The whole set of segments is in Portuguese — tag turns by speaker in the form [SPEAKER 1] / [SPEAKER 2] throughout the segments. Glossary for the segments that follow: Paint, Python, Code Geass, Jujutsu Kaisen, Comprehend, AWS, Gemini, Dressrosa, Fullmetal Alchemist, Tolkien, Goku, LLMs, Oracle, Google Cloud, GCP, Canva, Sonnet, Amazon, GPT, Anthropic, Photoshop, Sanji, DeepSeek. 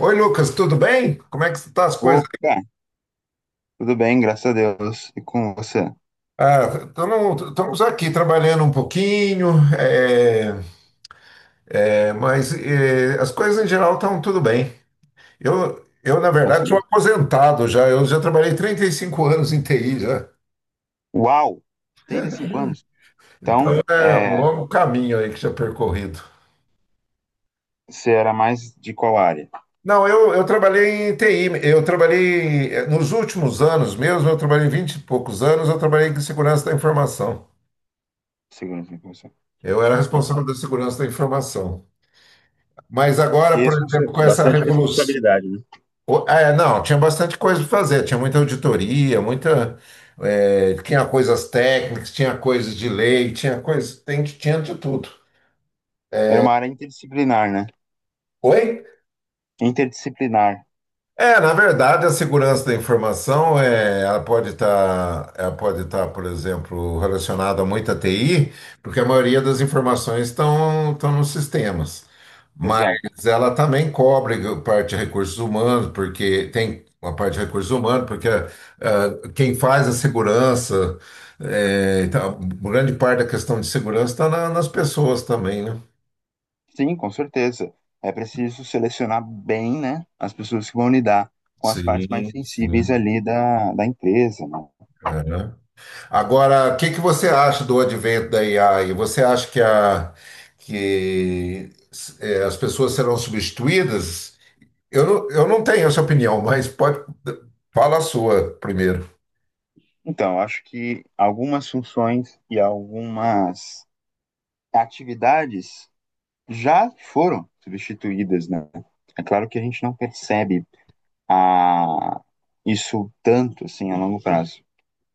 [SPEAKER 1] Oi, Lucas, tudo bem? Como é que estão as coisas?
[SPEAKER 2] Opa, tudo bem, graças a Deus. E com você?
[SPEAKER 1] Ah, estamos aqui trabalhando um pouquinho, é, mas é, as coisas em geral estão tudo bem. Eu na
[SPEAKER 2] Graças a
[SPEAKER 1] verdade, sou
[SPEAKER 2] Deus.
[SPEAKER 1] aposentado já, eu já trabalhei 35 anos em TI já.
[SPEAKER 2] Uau, 35 anos.
[SPEAKER 1] Então
[SPEAKER 2] Então,
[SPEAKER 1] é um
[SPEAKER 2] é,
[SPEAKER 1] longo caminho aí que já percorrido.
[SPEAKER 2] você era mais de qual área?
[SPEAKER 1] Não, eu trabalhei em TI, eu trabalhei nos últimos anos mesmo, eu trabalhei 20 e poucos anos, eu trabalhei em segurança da informação.
[SPEAKER 2] Segurança da informação.
[SPEAKER 1] Eu era
[SPEAKER 2] Bacana.
[SPEAKER 1] responsável da segurança da informação. Mas agora, por exemplo, com essa
[SPEAKER 2] Bastante
[SPEAKER 1] revolução.
[SPEAKER 2] responsabilidade, né?
[SPEAKER 1] É, não, tinha bastante coisa para fazer, tinha muita auditoria, muita. Tinha coisas técnicas, tinha coisas de lei, tinha coisas. Tinha de tudo.
[SPEAKER 2] Era uma área interdisciplinar, né?
[SPEAKER 1] Oi?
[SPEAKER 2] Interdisciplinar,
[SPEAKER 1] É, na verdade, a segurança da informação é, ela pode estar, por exemplo, relacionada a muita TI, porque a maioria das informações estão nos sistemas.
[SPEAKER 2] exato.
[SPEAKER 1] Mas ela também cobre a parte de recursos humanos, porque tem a parte de recursos humanos, porque quem faz a segurança, é, então, grande parte da questão de segurança está nas pessoas também, né?
[SPEAKER 2] Sim, com certeza. É preciso selecionar bem, né, as pessoas que vão lidar com as partes mais
[SPEAKER 1] Sim,
[SPEAKER 2] sensíveis
[SPEAKER 1] sim.
[SPEAKER 2] ali da, da empresa, né?
[SPEAKER 1] Agora, o que que você acha do advento da AI? Você acha que, que as pessoas serão substituídas? Eu não tenho essa opinião, mas pode fala a sua primeiro.
[SPEAKER 2] Então, eu acho que algumas funções e algumas atividades já foram substituídas, né? É claro que a gente não percebe a... isso tanto, assim, a longo prazo.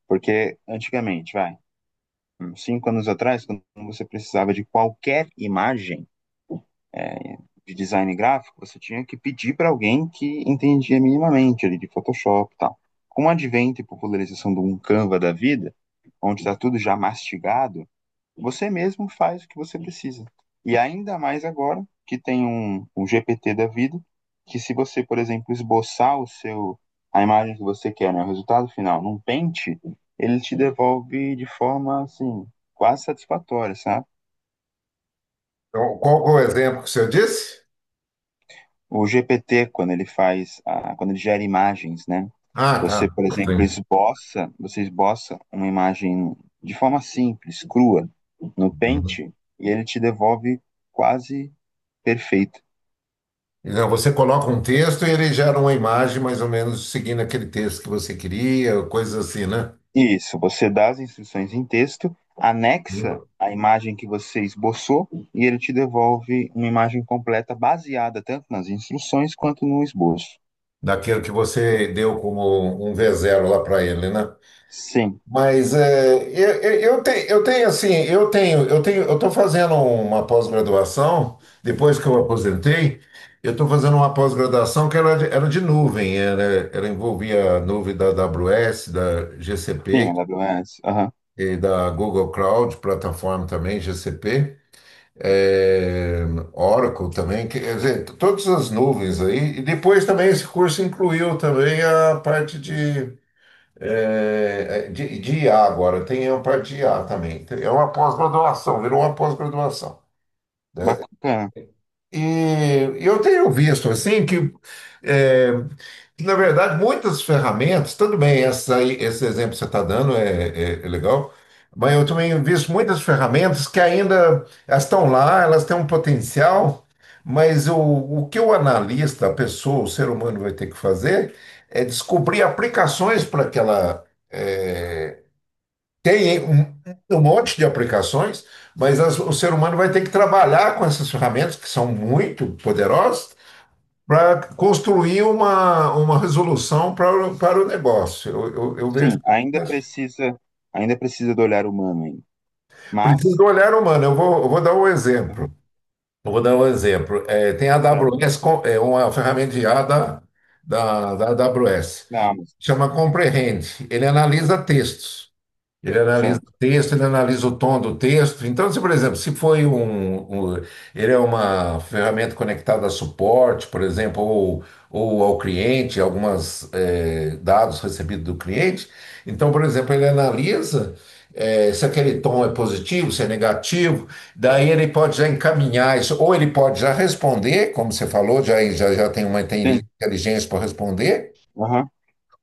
[SPEAKER 2] Porque antigamente, vai, 5 anos atrás, quando você precisava de qualquer imagem é, de design gráfico, você tinha que pedir para alguém que entendia minimamente ali de Photoshop e tal. Com o advento e popularização do um Canva da vida, onde está tudo já mastigado, você mesmo faz o que você precisa. E ainda mais agora que tem um GPT da vida, que se você, por exemplo, esboçar o seu a imagem que você quer, né, o resultado final, num pente, ele te devolve de forma assim quase satisfatória, sabe?
[SPEAKER 1] Então, qual que é o exemplo que você disse?
[SPEAKER 2] O GPT quando ele faz a, quando ele gera imagens, né?
[SPEAKER 1] Ah, tá.
[SPEAKER 2] Você, por exemplo,
[SPEAKER 1] Sim.
[SPEAKER 2] esboça, você esboça uma imagem de forma simples, crua, no Paint, e ele te devolve quase perfeita.
[SPEAKER 1] Não, você coloca um texto e ele gera uma imagem mais ou menos seguindo aquele texto que você queria, coisas assim, né?
[SPEAKER 2] Isso, você dá as instruções em texto,
[SPEAKER 1] Sim.
[SPEAKER 2] anexa a imagem que você esboçou e ele te devolve uma imagem completa baseada tanto nas instruções quanto no esboço.
[SPEAKER 1] Daquilo que você deu como um v zero lá para ele, né?
[SPEAKER 2] Sim,
[SPEAKER 1] Mas é, eu tenho assim, eu tenho, eu tenho, eu estou fazendo uma pós-graduação, depois que eu aposentei, eu estou fazendo uma pós-graduação que era de nuvem, era, ela envolvia a nuvem da AWS, da
[SPEAKER 2] sim,
[SPEAKER 1] GCP
[SPEAKER 2] AWS. Aham.
[SPEAKER 1] e da Google Cloud, plataforma também, GCP, é, Oracle também, quer dizer, todas as nuvens aí, e depois também esse curso incluiu também a parte de IA agora, tem um para de IA também. É uma pós-graduação, virou uma pós-graduação.
[SPEAKER 2] Bacana.
[SPEAKER 1] E eu tenho visto assim que, é, que, na verdade, muitas ferramentas, tudo bem, esse exemplo que você está dando é legal, mas eu também visto muitas ferramentas que ainda elas estão lá, elas têm um potencial, mas o que o analista, a pessoa, o ser humano vai ter que fazer é descobrir aplicações para aquela é, tem um, um monte de aplicações, mas o ser humano vai ter que trabalhar com essas ferramentas, que são muito poderosas, para construir uma resolução para, o para o negócio. Eu
[SPEAKER 2] Sim,
[SPEAKER 1] vejo. Isso.
[SPEAKER 2] ainda precisa do olhar humano ainda.
[SPEAKER 1] Precisa
[SPEAKER 2] Mas,
[SPEAKER 1] do olhar humano. Eu vou dar um exemplo.
[SPEAKER 2] aham,
[SPEAKER 1] Eu vou dar um exemplo. É, tem a
[SPEAKER 2] certo.
[SPEAKER 1] AWS, é uma ferramenta de IA da AWS,
[SPEAKER 2] Na Amazon,
[SPEAKER 1] chama Comprehend. Ele analisa textos. Ele analisa
[SPEAKER 2] certo.
[SPEAKER 1] o texto, ele analisa o tom do texto. Então, se, por exemplo, se foi ele é uma ferramenta conectada a suporte, por exemplo, ou ao cliente, algumas dados recebidos do cliente. Então, por exemplo, ele analisa se aquele tom é positivo, se é negativo. Daí ele pode já encaminhar isso, ou ele pode já responder, como você falou, já tem uma
[SPEAKER 2] Sim,
[SPEAKER 1] inteligência para responder.
[SPEAKER 2] aham,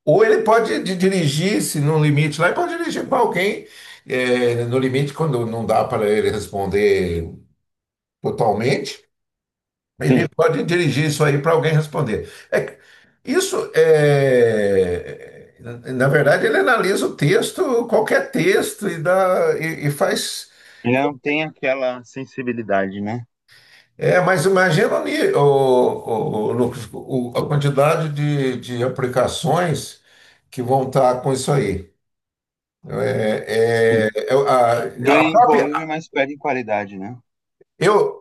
[SPEAKER 1] Ou ele pode dirigir, se no limite lá, ele pode dirigir para alguém, é, no limite, quando não dá para ele responder totalmente, ele
[SPEAKER 2] sim.
[SPEAKER 1] pode dirigir isso aí para alguém responder. É que isso é. Na verdade, ele analisa o texto, qualquer texto, e faz.
[SPEAKER 2] Ele não tem aquela sensibilidade, né?
[SPEAKER 1] É, mas imagina o Lucas, a quantidade de aplicações que vão estar com isso aí. É,
[SPEAKER 2] Sim.
[SPEAKER 1] é, Eu, a,
[SPEAKER 2] Ganha
[SPEAKER 1] a
[SPEAKER 2] em
[SPEAKER 1] própria,
[SPEAKER 2] volume, mas perde em qualidade, né?
[SPEAKER 1] eu,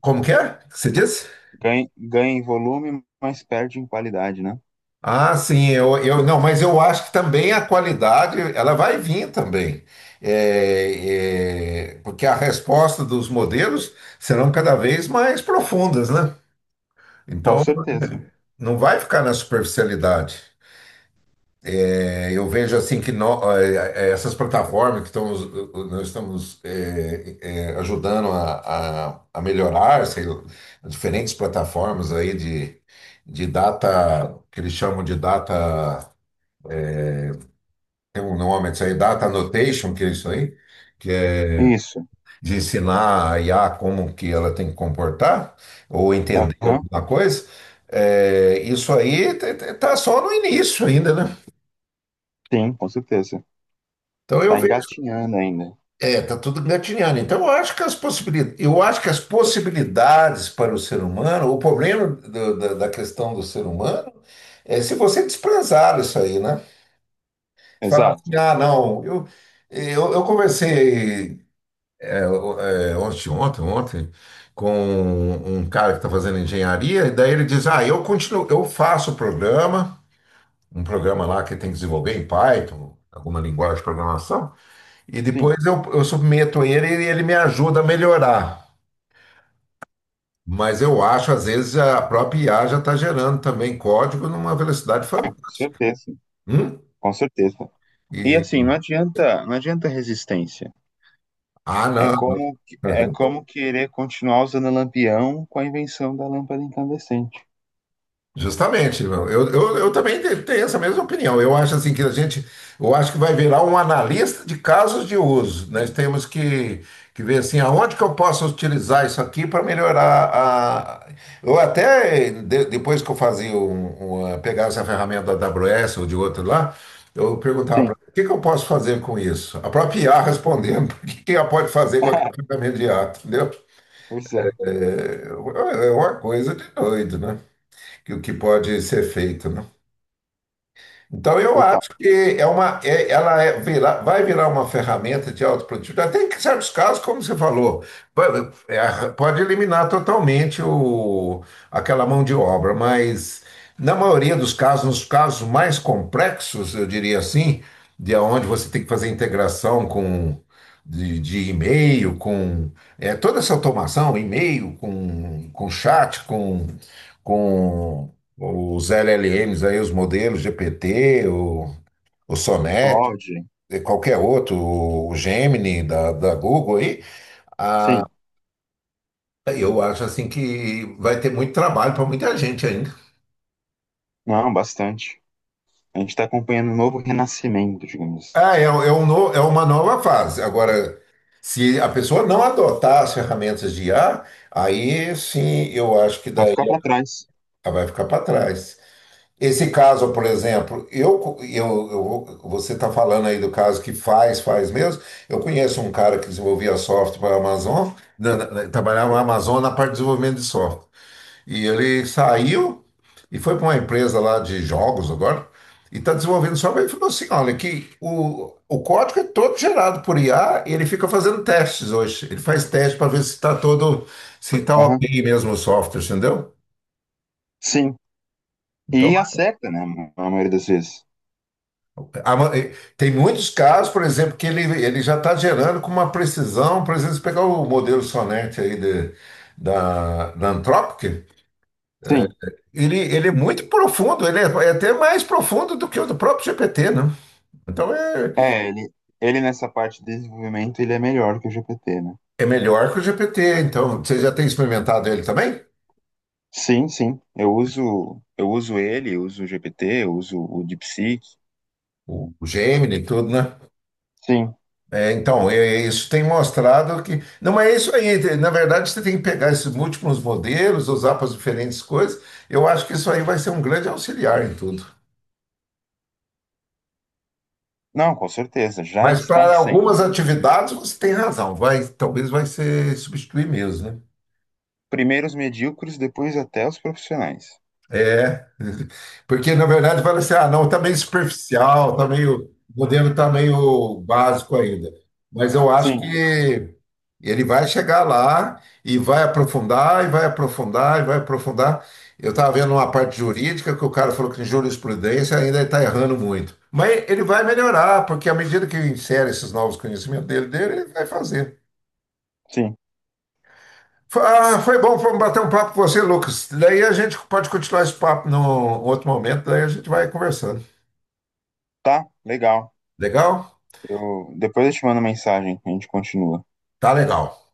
[SPEAKER 1] como que é? Que Você disse?
[SPEAKER 2] Ganha em volume, mas perde em qualidade, né?
[SPEAKER 1] Ah, sim, eu não, mas eu acho que também a qualidade ela vai vir também. Porque a resposta dos modelos serão cada vez mais profundas, né?
[SPEAKER 2] Com
[SPEAKER 1] Então,
[SPEAKER 2] certeza.
[SPEAKER 1] não vai ficar na superficialidade. É, eu vejo assim que essas plataformas que estamos, nós estamos ajudando a melhorar, sei lá, diferentes plataformas aí de data, que eles chamam de data, tem um nome isso aí, data annotation, que é isso aí, que é
[SPEAKER 2] Isso.
[SPEAKER 1] de ensinar a IA como que ela tem que comportar, ou entender
[SPEAKER 2] Aham.
[SPEAKER 1] alguma coisa. Eh, isso aí está só no início ainda, né?
[SPEAKER 2] Sim, com certeza.
[SPEAKER 1] Então eu
[SPEAKER 2] Tá
[SPEAKER 1] vejo.
[SPEAKER 2] engatinhando ainda.
[SPEAKER 1] É, tá tudo engatinhando. Então, eu acho que as possibilidades para o ser humano, o problema da questão do ser humano é se você desprezar isso aí, né? Você falar assim,
[SPEAKER 2] Exato.
[SPEAKER 1] ah, não, eu conversei ontem, com um cara que está fazendo engenharia, e daí ele diz, ah, eu continuo, eu faço um programa lá que tem que desenvolver em Python, alguma linguagem de programação. E
[SPEAKER 2] Sim,
[SPEAKER 1] depois eu submeto ele e ele me ajuda a melhorar. Mas eu acho, às vezes, a própria IA já está gerando também código numa velocidade
[SPEAKER 2] com
[SPEAKER 1] fantástica.
[SPEAKER 2] certeza.
[SPEAKER 1] Hum?
[SPEAKER 2] Com certeza. E
[SPEAKER 1] E,
[SPEAKER 2] assim, não adianta, não adianta resistência.
[SPEAKER 1] ah,
[SPEAKER 2] É
[SPEAKER 1] não.
[SPEAKER 2] como, que- é como querer continuar usando lampião com a invenção da lâmpada incandescente.
[SPEAKER 1] Justamente, tenho essa mesma opinião. Eu acho assim que a gente, eu acho que vai virar um analista de casos de uso. Nós temos que ver assim, aonde que eu posso utilizar isso aqui para melhorar a. Eu até depois que eu fazia pegar essa ferramenta da AWS ou de outro lá, eu perguntava para
[SPEAKER 2] Sim.
[SPEAKER 1] o que que eu posso fazer com isso? A própria IA respondendo, o que que ela pode fazer com aquela ferramenta de IA, entendeu?
[SPEAKER 2] Pois é,
[SPEAKER 1] É é uma coisa de doido, né? Que o que pode ser feito, né? Então, eu
[SPEAKER 2] total.
[SPEAKER 1] acho que ela é, vai virar uma ferramenta de autoprodutividade. Até em certos casos, como você falou, vai- é, pode eliminar totalmente o, aquela mão de obra, mas na maioria dos casos, nos casos mais complexos, eu diria assim, de onde você tem que fazer integração com de e-mail, com toda essa automação, e-mail, com chat, com os LLMs aí, os modelos GPT, o Sonnet,
[SPEAKER 2] Explode.
[SPEAKER 1] e qualquer outro, o Gemini da Google aí, ah,
[SPEAKER 2] Sim.
[SPEAKER 1] eu acho assim que vai ter muito trabalho para muita gente ainda.
[SPEAKER 2] Não, bastante. A gente está acompanhando um novo renascimento, digamos.
[SPEAKER 1] Ah, é, uma nova fase. Agora, se a pessoa não adotar as ferramentas de IA, aí sim eu acho que
[SPEAKER 2] Vai
[SPEAKER 1] daí
[SPEAKER 2] ficar para trás.
[SPEAKER 1] ela vai ficar para trás. Esse caso, por exemplo, você está falando aí do caso que faz mesmo. Eu conheço um cara que desenvolvia software para a Amazon, trabalhava na Amazon na parte de desenvolvimento de software. E ele saiu e foi para uma empresa lá de jogos agora, e está desenvolvendo software. Ele falou assim: olha, que o código é todo gerado por IA e ele fica fazendo testes hoje. Ele faz teste para ver se está todo, se está
[SPEAKER 2] Aham.
[SPEAKER 1] ok mesmo o software, entendeu?
[SPEAKER 2] Sim.
[SPEAKER 1] Então,
[SPEAKER 2] E acerta, né? Na maioria das vezes.
[SPEAKER 1] A ma- eh, tem muitos casos, por exemplo, que ele já está gerando com uma precisão. Por exemplo, se pegar o modelo Sonnet da, da Anthropic,
[SPEAKER 2] Sim.
[SPEAKER 1] ele é muito profundo, é até mais profundo do que o do próprio GPT, né? Então é,
[SPEAKER 2] É, ele nessa parte de desenvolvimento, ele é melhor que o GPT, né?
[SPEAKER 1] é melhor que o GPT. Então, você já tem experimentado ele também?
[SPEAKER 2] Sim, sim. Eu uso ele, eu uso o GPT, eu uso o DeepSeek.
[SPEAKER 1] O Gemini e tudo, né?
[SPEAKER 2] Sim.
[SPEAKER 1] É, então, é, isso tem mostrado que. Não, mas é isso aí. Na verdade, você tem que pegar esses múltiplos modelos, usar para as diferentes coisas. Eu acho que isso aí vai ser um grande auxiliar em tudo.
[SPEAKER 2] Não, com certeza. Já
[SPEAKER 1] Mas
[SPEAKER 2] está
[SPEAKER 1] para algumas
[SPEAKER 2] sendo, né?
[SPEAKER 1] atividades, você tem razão. Talvez vai ser substituir mesmo, né?
[SPEAKER 2] Primeiro os medíocres, depois até os profissionais.
[SPEAKER 1] É, porque na verdade fala assim, ah, não, tá meio superficial, tá meio, o modelo tá meio básico ainda. Mas eu acho
[SPEAKER 2] Sim,
[SPEAKER 1] que ele vai chegar lá e vai aprofundar, e vai aprofundar, e vai aprofundar. Eu estava vendo uma parte jurídica que o cara falou que em jurisprudência ainda está errando muito. Mas ele vai melhorar, porque à medida que insere esses novos conhecimentos dele, ele vai fazer.
[SPEAKER 2] sim.
[SPEAKER 1] Ah, foi bom foi um bater um papo com você, Lucas. Daí a gente pode continuar esse papo num outro momento, daí a gente vai conversando.
[SPEAKER 2] Tá, legal.
[SPEAKER 1] Legal?
[SPEAKER 2] Eu, depois eu te mando mensagem, a gente continua.
[SPEAKER 1] Tá legal.